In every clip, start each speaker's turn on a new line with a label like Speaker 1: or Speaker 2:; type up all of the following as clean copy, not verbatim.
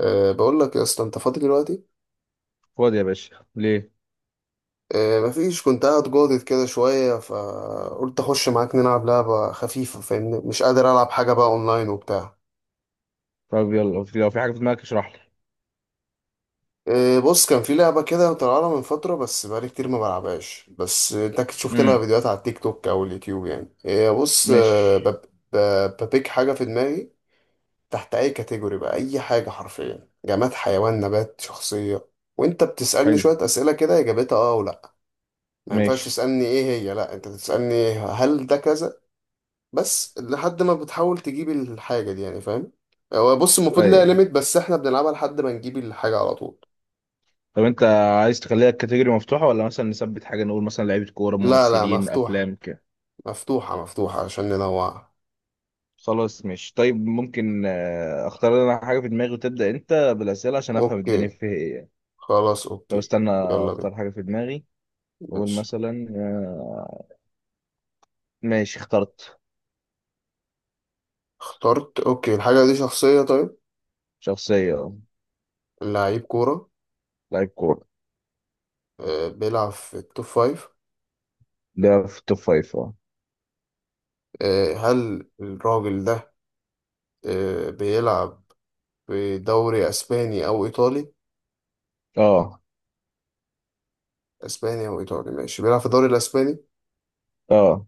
Speaker 1: بقول لك يا اسطى، انت فاضي دلوقتي؟
Speaker 2: فاضي يا باشا، ليه؟
Speaker 1: مفيش، كنت قاعد جاضد كده شويه، فقلت اخش معاك نلعب لعبه خفيفه فاهمني، مش قادر العب حاجه بقى اونلاين وبتاع.
Speaker 2: طب يلا، لو في حاجه في دماغك اشرح لي.
Speaker 1: بص، كان في لعبه كده طالعه من فتره، بس بقالي كتير ما بلعبهاش، بس انت اكيد شفت لها
Speaker 2: امم.
Speaker 1: فيديوهات على التيك توك او اليوتيوب يعني. بص،
Speaker 2: ماشي.
Speaker 1: ببيك حاجه في دماغي، تحت اي كاتيجوري بقى، اي حاجه حرفيا، جماد، حيوان، نبات، شخصيه، وانت بتسالني
Speaker 2: حلو.
Speaker 1: شويه اسئله كده اجابتها اه ولا. ما ينفعش
Speaker 2: ماشي.
Speaker 1: تسألني ايه هي، لا انت تسألني هل ده كذا، بس لحد ما بتحاول تجيب الحاجة دي، يعني فاهم. هو بص، المفروض ليها
Speaker 2: ايوه.
Speaker 1: ليميت، بس احنا بنلعبها لحد ما نجيب الحاجة على طول.
Speaker 2: طب انت عايز تخليها الكاتيجوري مفتوحه، ولا مثلا نثبت حاجه، نقول مثلا لعيبه كوره،
Speaker 1: لا لا،
Speaker 2: ممثلين،
Speaker 1: مفتوحة.
Speaker 2: افلام كده؟
Speaker 1: مفتوحة مفتوحة عشان ننوعها.
Speaker 2: خلاص ماشي. طيب ممكن، اختار انا حاجه في دماغي وتبدا انت بالاسئله عشان افهم الدنيا
Speaker 1: اوكي.
Speaker 2: فيها ايه يعني.
Speaker 1: خلاص
Speaker 2: طب
Speaker 1: اوكي.
Speaker 2: استنى،
Speaker 1: يلا بينا.
Speaker 2: اختار حاجه في دماغي واقول
Speaker 1: ماشي
Speaker 2: مثلا ماشي اخترت.
Speaker 1: اخترت. اوكي، الحاجة دي شخصية طيب.
Speaker 2: شخصيه،
Speaker 1: لعيب كورة.
Speaker 2: لعيب كوره.
Speaker 1: بيلعب في التوب فايف.
Speaker 2: ده في التوب فايف، اه.
Speaker 1: هل الراجل ده بيلعب في دوري اسباني او ايطالي.
Speaker 2: اه.
Speaker 1: اسبانيا وايطالي، ماشي. بيلعب في الدوري الاسباني.
Speaker 2: اه.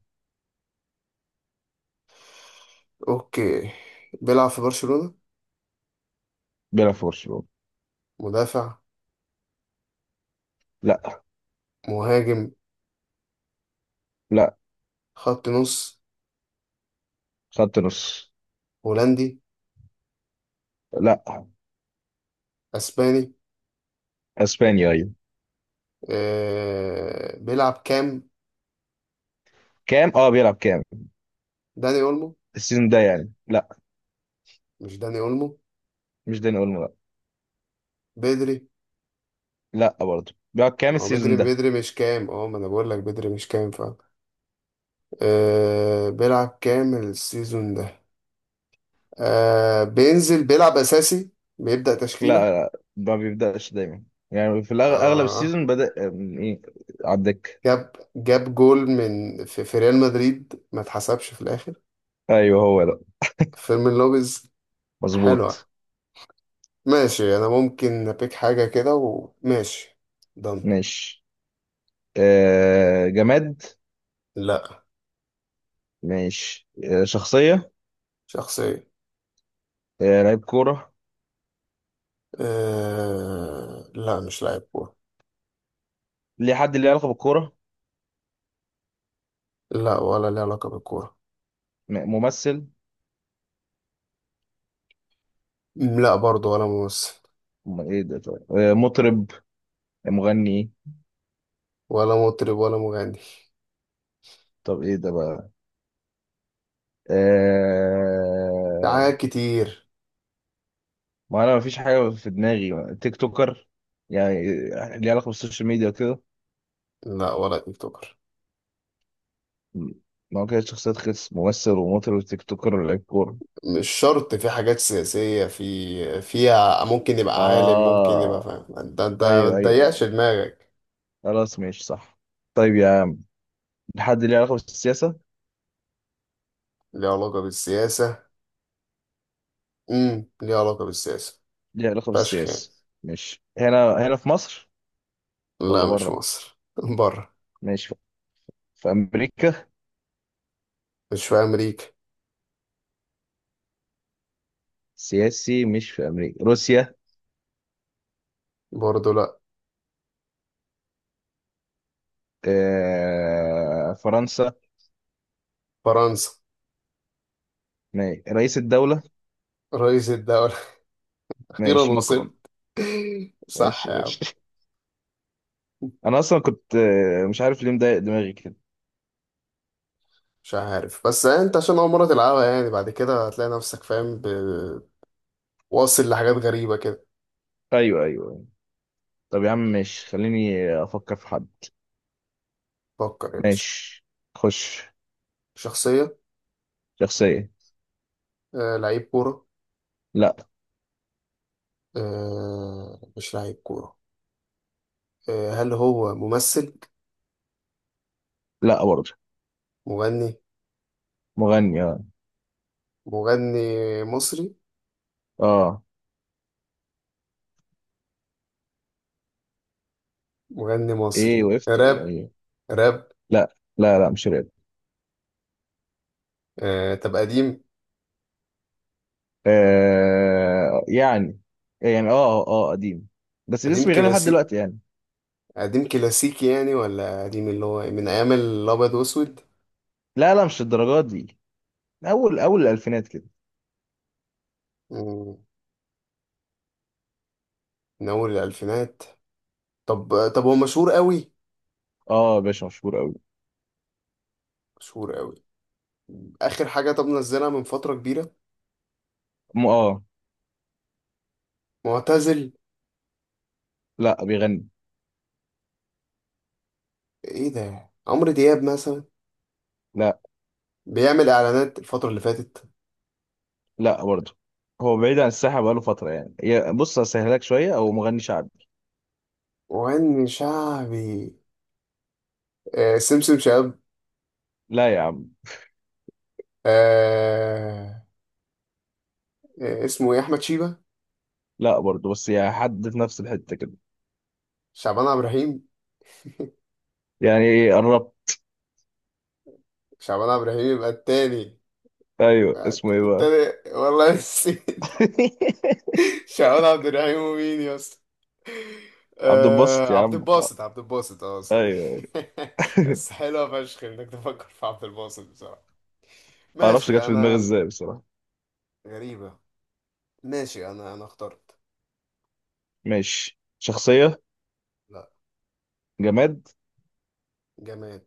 Speaker 1: اوكي. بيلعب في برشلونة.
Speaker 2: بيلعب في برشلونه.
Speaker 1: مدافع.
Speaker 2: لا.
Speaker 1: مهاجم.
Speaker 2: لا.
Speaker 1: خط نص.
Speaker 2: خط نص.
Speaker 1: هولندي.
Speaker 2: لا.
Speaker 1: اسباني.
Speaker 2: اسبانيا، ايوه.
Speaker 1: بيلعب كام؟
Speaker 2: كام؟ اه، بيلعب كام
Speaker 1: داني اولمو.
Speaker 2: السيزون ده؟ يعني لا.
Speaker 1: مش داني اولمو.
Speaker 2: مش داني اولمو، لا.
Speaker 1: بدري.
Speaker 2: لا برضه، بيلعب كام
Speaker 1: ما هو بدري
Speaker 2: السيزون ده؟
Speaker 1: بدري، مش كام. اه، ما انا بقول لك بدري مش كام فعلا. بيلعب كام السيزون ده؟ بينزل بيلعب اساسي، بيبدأ تشكيلة.
Speaker 2: لا، لا، ما بيبداش دايما، يعني في اغلب
Speaker 1: آه...
Speaker 2: السيزون بدا، ايه، على الدكه.
Speaker 1: جاب جول من في ريال مدريد ما اتحسبش في الاخر.
Speaker 2: ايوه هو ده.
Speaker 1: فيلم اللوبيز. حلوة.
Speaker 2: مظبوط.
Speaker 1: ماشي انا ممكن ابيك حاجة كده، وماشي ضن.
Speaker 2: ماشي. جماد؟
Speaker 1: لا.
Speaker 2: ماشي. شخصيه.
Speaker 1: شخصية.
Speaker 2: لعيب كوره؟
Speaker 1: أه... لا، مش لاعب كورة.
Speaker 2: ليه؟ حد ليه علاقه بالكوره؟
Speaker 1: لا، ولا ليه علاقة بالكورة.
Speaker 2: ممثل؟
Speaker 1: لا برضه، ولا ممثل.
Speaker 2: ايه ده طيب؟ مطرب، مغني؟
Speaker 1: ولا مطرب ولا مغني.
Speaker 2: طب ايه ده بقى؟
Speaker 1: في حاجات
Speaker 2: آه
Speaker 1: كتير.
Speaker 2: ما انا مفيش حاجه في دماغي. تيك توكر يعني؟ ليه علاقه بالسوشيال ميديا وكده؟
Speaker 1: لا، ولا يوتيوبر.
Speaker 2: ما هو كده شخصيات، خس ممثل ومطرب وتيك توكر ولاعيب كوره.
Speaker 1: مش شرط، في حاجات سياسية، في فيها ممكن يبقى عالم، ممكن يبقى
Speaker 2: اه.
Speaker 1: فاهم، انت ما
Speaker 2: ايوه، ايوه،
Speaker 1: تضيقش
Speaker 2: ايوه.
Speaker 1: دماغك.
Speaker 2: خلاص ماشي، صح. طيب يا عم، حد ليه علاقه بالسياسه؟
Speaker 1: ليه علاقة بالسياسة. ليه علاقة بالسياسة.
Speaker 2: ليه علاقه
Speaker 1: فشخ يعني.
Speaker 2: بالسياسه؟ ماشي، هنا هنا في مصر؟ ولا
Speaker 1: لا، مش
Speaker 2: بره؟
Speaker 1: مصر بره.
Speaker 2: ماشي. في امريكا؟
Speaker 1: مش في أمريكا.
Speaker 2: سياسي مش في امريكا، روسيا؟
Speaker 1: برضه لا.
Speaker 2: فرنسا؟
Speaker 1: فرنسا.
Speaker 2: ماشي، رئيس الدوله؟
Speaker 1: رئيس الدولة. أخيرا
Speaker 2: ماشي، ماكرون.
Speaker 1: وصلت. صح
Speaker 2: ماشي،
Speaker 1: يا عم.
Speaker 2: ماشي. انا اصلا كنت، مش عارف ليه مضايق دماغي كده.
Speaker 1: مش عارف، بس أنت عشان أول مرة تلعبها يعني، بعد كده هتلاقي نفسك فاهم، واصل لحاجات غريبة كده.
Speaker 2: ايوه، ايوه، أيوة. طب يا عم ماشي، خليني افكر في حد.
Speaker 1: فكر يا باشا.
Speaker 2: ماشي. خش.
Speaker 1: شخصية.
Speaker 2: شخصية.
Speaker 1: لعيب كورة.
Speaker 2: لا.
Speaker 1: مش لعيب كورة. هل هو ممثل؟
Speaker 2: لا برضه.
Speaker 1: مغني.
Speaker 2: مغني، اه.
Speaker 1: مغني مصري.
Speaker 2: اه.
Speaker 1: مغني
Speaker 2: ايه،
Speaker 1: مصري
Speaker 2: وقفت ولا
Speaker 1: راب.
Speaker 2: ايه؟
Speaker 1: راب.
Speaker 2: لا، لا، لا، مش راب.
Speaker 1: طب قديم.
Speaker 2: يعني، يعني، قديم. بس لسه
Speaker 1: قديم
Speaker 2: بيغني لحد
Speaker 1: كلاسيك.
Speaker 2: دلوقتي يعني.
Speaker 1: قديم كلاسيكي يعني، ولا قديم اللي هو من ايام الابيض واسود.
Speaker 2: لا، لا، مش الدرجات دي. اول اول الالفينات كده.
Speaker 1: مم، من اول الالفينات. طب هو مشهور قوي.
Speaker 2: اه يا باشا، مشهور قوي.
Speaker 1: مشهور قوي. اخر حاجه طب نزلها من فتره كبيره.
Speaker 2: اه.
Speaker 1: معتزل.
Speaker 2: لا، بيغني.
Speaker 1: ايه ده، عمرو دياب مثلا؟
Speaker 2: لا
Speaker 1: بيعمل اعلانات الفتره اللي فاتت.
Speaker 2: لا برضه. هو بعيد عن الساحة بقاله فترة يعني، بص هسهلك شوية، هو مغني شعبي.
Speaker 1: مغني شعبي. سمسم شاب.
Speaker 2: لا يا عم.
Speaker 1: آه اسمه ايه، احمد شيبه.
Speaker 2: لا برضه، بس يا حد في نفس الحتة كده.
Speaker 1: شعبان عبد الرحيم.
Speaker 2: يعني إيه؟ قربت.
Speaker 1: شعبان عبد الرحيم يبقى التاني.
Speaker 2: ايوه، اسمه ايه بقى؟
Speaker 1: التاني والله نسيت. شعبان عبد الرحيم ومين يا اسطى.
Speaker 2: عبد الباسط يا
Speaker 1: عبد
Speaker 2: عم.
Speaker 1: الباسط. عبد الباسط، اه سوري.
Speaker 2: ايوه.
Speaker 1: بس حلوة فشخ انك تفكر في عبد الباسط بصراحة.
Speaker 2: معرفش
Speaker 1: ماشي
Speaker 2: جت في دماغي
Speaker 1: انا.
Speaker 2: ازاي بصراحة.
Speaker 1: غريبة. ماشي انا اخترت.
Speaker 2: ماشي، شخصية.
Speaker 1: لا.
Speaker 2: جماد.
Speaker 1: جماد.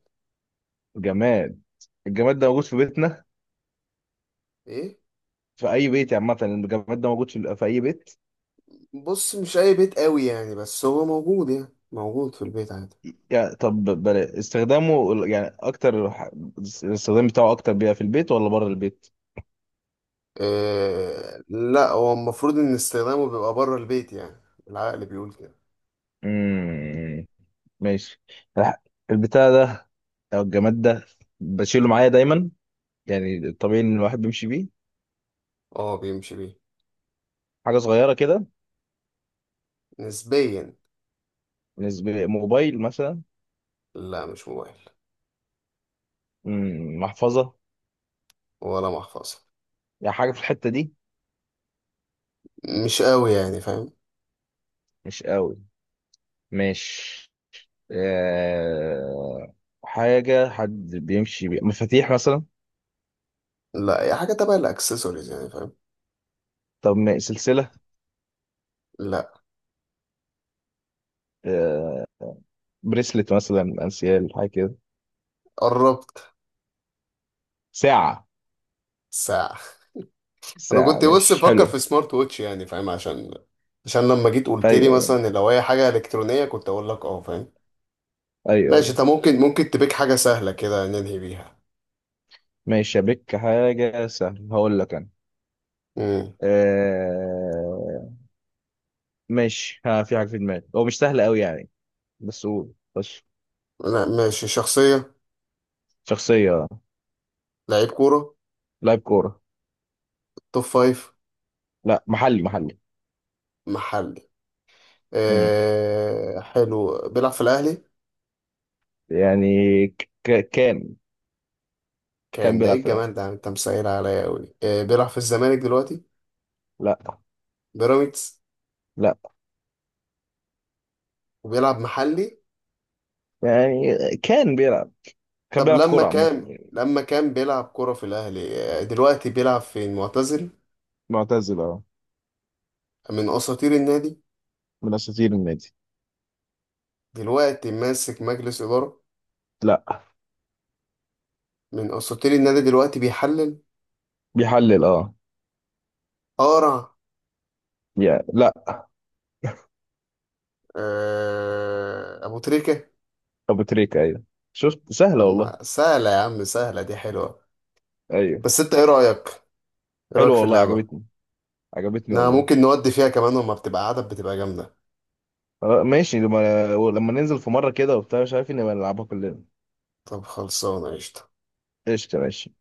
Speaker 2: جماد. الجماد ده موجود في بيتنا؟
Speaker 1: ايه.
Speaker 2: في أي بيت يعني عامة؟ يعني الجماد ده موجود في أي بيت؟
Speaker 1: بص، مش اي بيت قوي يعني، بس هو موجود، يعني موجود في البيت عادي.
Speaker 2: يعني طب بلا استخدامه، يعني أكتر، الاستخدام بتاعه أكتر بيبقى في البيت ولا بره البيت؟
Speaker 1: لا، هو المفروض ان استخدامه بيبقى بره البيت يعني. العقل بيقول كده.
Speaker 2: امم. ماشي. الح- البتاع ده، او الجماد ده، بشيله معايا دايما؟ يعني طبيعي ان الواحد بيمشي بيه؟
Speaker 1: اه بيمشي بيه.
Speaker 2: حاجه صغيره كده؟
Speaker 1: نسبيا.
Speaker 2: بالنسبه موبايل مثلا؟
Speaker 1: لا، مش موبايل.
Speaker 2: محفظه؟
Speaker 1: ولا محفظة.
Speaker 2: يعني حاجه في الحته دي؟
Speaker 1: مش قوي يعني فاهم.
Speaker 2: مش قوي؟ ماشي. آه... حاجه حد بيمشي بيه، مفاتيح مثلا؟
Speaker 1: لا، هي حاجة تبع الاكسسوارز يعني فاهم.
Speaker 2: طب سلسله؟
Speaker 1: لا.
Speaker 2: آه... بريسلت مثلا، انسيال، حاجه كده؟
Speaker 1: قربت.
Speaker 2: ساعه؟
Speaker 1: ساعة. انا
Speaker 2: ساعه
Speaker 1: كنت بص
Speaker 2: مش
Speaker 1: بفكر
Speaker 2: حلو.
Speaker 1: في سمارت ووتش يعني فاهم، عشان عشان لما جيت قلت لي
Speaker 2: ايوه،
Speaker 1: مثلا لو هي حاجة إلكترونية كنت اقول لك اه فاهم. ماشي،
Speaker 2: ايوه.
Speaker 1: انت ممكن تبيك حاجة سهلة كده ننهي بيها.
Speaker 2: ماشي، بك حاجة سهلة هقول لك أنا.
Speaker 1: امم.
Speaker 2: آه... ماشي ها، في حاجة في دماغي، هو مش سهل أوي يعني، بس قول بس.
Speaker 1: لا، ماشي. شخصية.
Speaker 2: شخصية.
Speaker 1: لعيب كورة.
Speaker 2: لاعب كورة.
Speaker 1: توب فايف.
Speaker 2: لا، محلي محلي.
Speaker 1: محلي.
Speaker 2: مم.
Speaker 1: حلو، بيلعب في الاهلي.
Speaker 2: يعني كان، كان
Speaker 1: كان. ده ايه
Speaker 2: بيلعب في الأهلي.
Speaker 1: الجمال ده، انت مسهل عليا قوي. بيلعب في الزمالك دلوقتي.
Speaker 2: لا.
Speaker 1: بيراميدز.
Speaker 2: لا
Speaker 1: وبيلعب محلي.
Speaker 2: يعني كان بيلعب كان
Speaker 1: طب
Speaker 2: بيلعب
Speaker 1: لما
Speaker 2: كورة عامة
Speaker 1: كان
Speaker 2: يعني.
Speaker 1: لما كان بيلعب كرة في الأهلي، دلوقتي بيلعب فين؟ معتزل.
Speaker 2: معتزل، اه.
Speaker 1: من أساطير النادي.
Speaker 2: من أساطير النادي.
Speaker 1: دلوقتي ماسك مجلس إدارة.
Speaker 2: لا.
Speaker 1: من أساطير النادي، دلوقتي بيحلل.
Speaker 2: بيحلل، اه.
Speaker 1: قارع.
Speaker 2: يا لا.
Speaker 1: أبو تريكة.
Speaker 2: أبو تريكة، أيوه. شفت سهلة
Speaker 1: طب
Speaker 2: والله.
Speaker 1: ما سهلة يا عم، سهلة دي حلوة.
Speaker 2: أيوه.
Speaker 1: بس أنت إيه رأيك؟ إيه رأيك
Speaker 2: حلوة
Speaker 1: في
Speaker 2: والله،
Speaker 1: اللعبة؟
Speaker 2: عجبتني. عجبتني
Speaker 1: أنا
Speaker 2: والله.
Speaker 1: ممكن نودي فيها كمان، وما بتبقى عدد، بتبقى جامدة.
Speaker 2: ماشي، لما ننزل في مرة كده وبتاع، مش عارف، إن نبقى نلعبها كلنا.
Speaker 1: طب خلصانة قشطة.
Speaker 2: قشطة ماشي.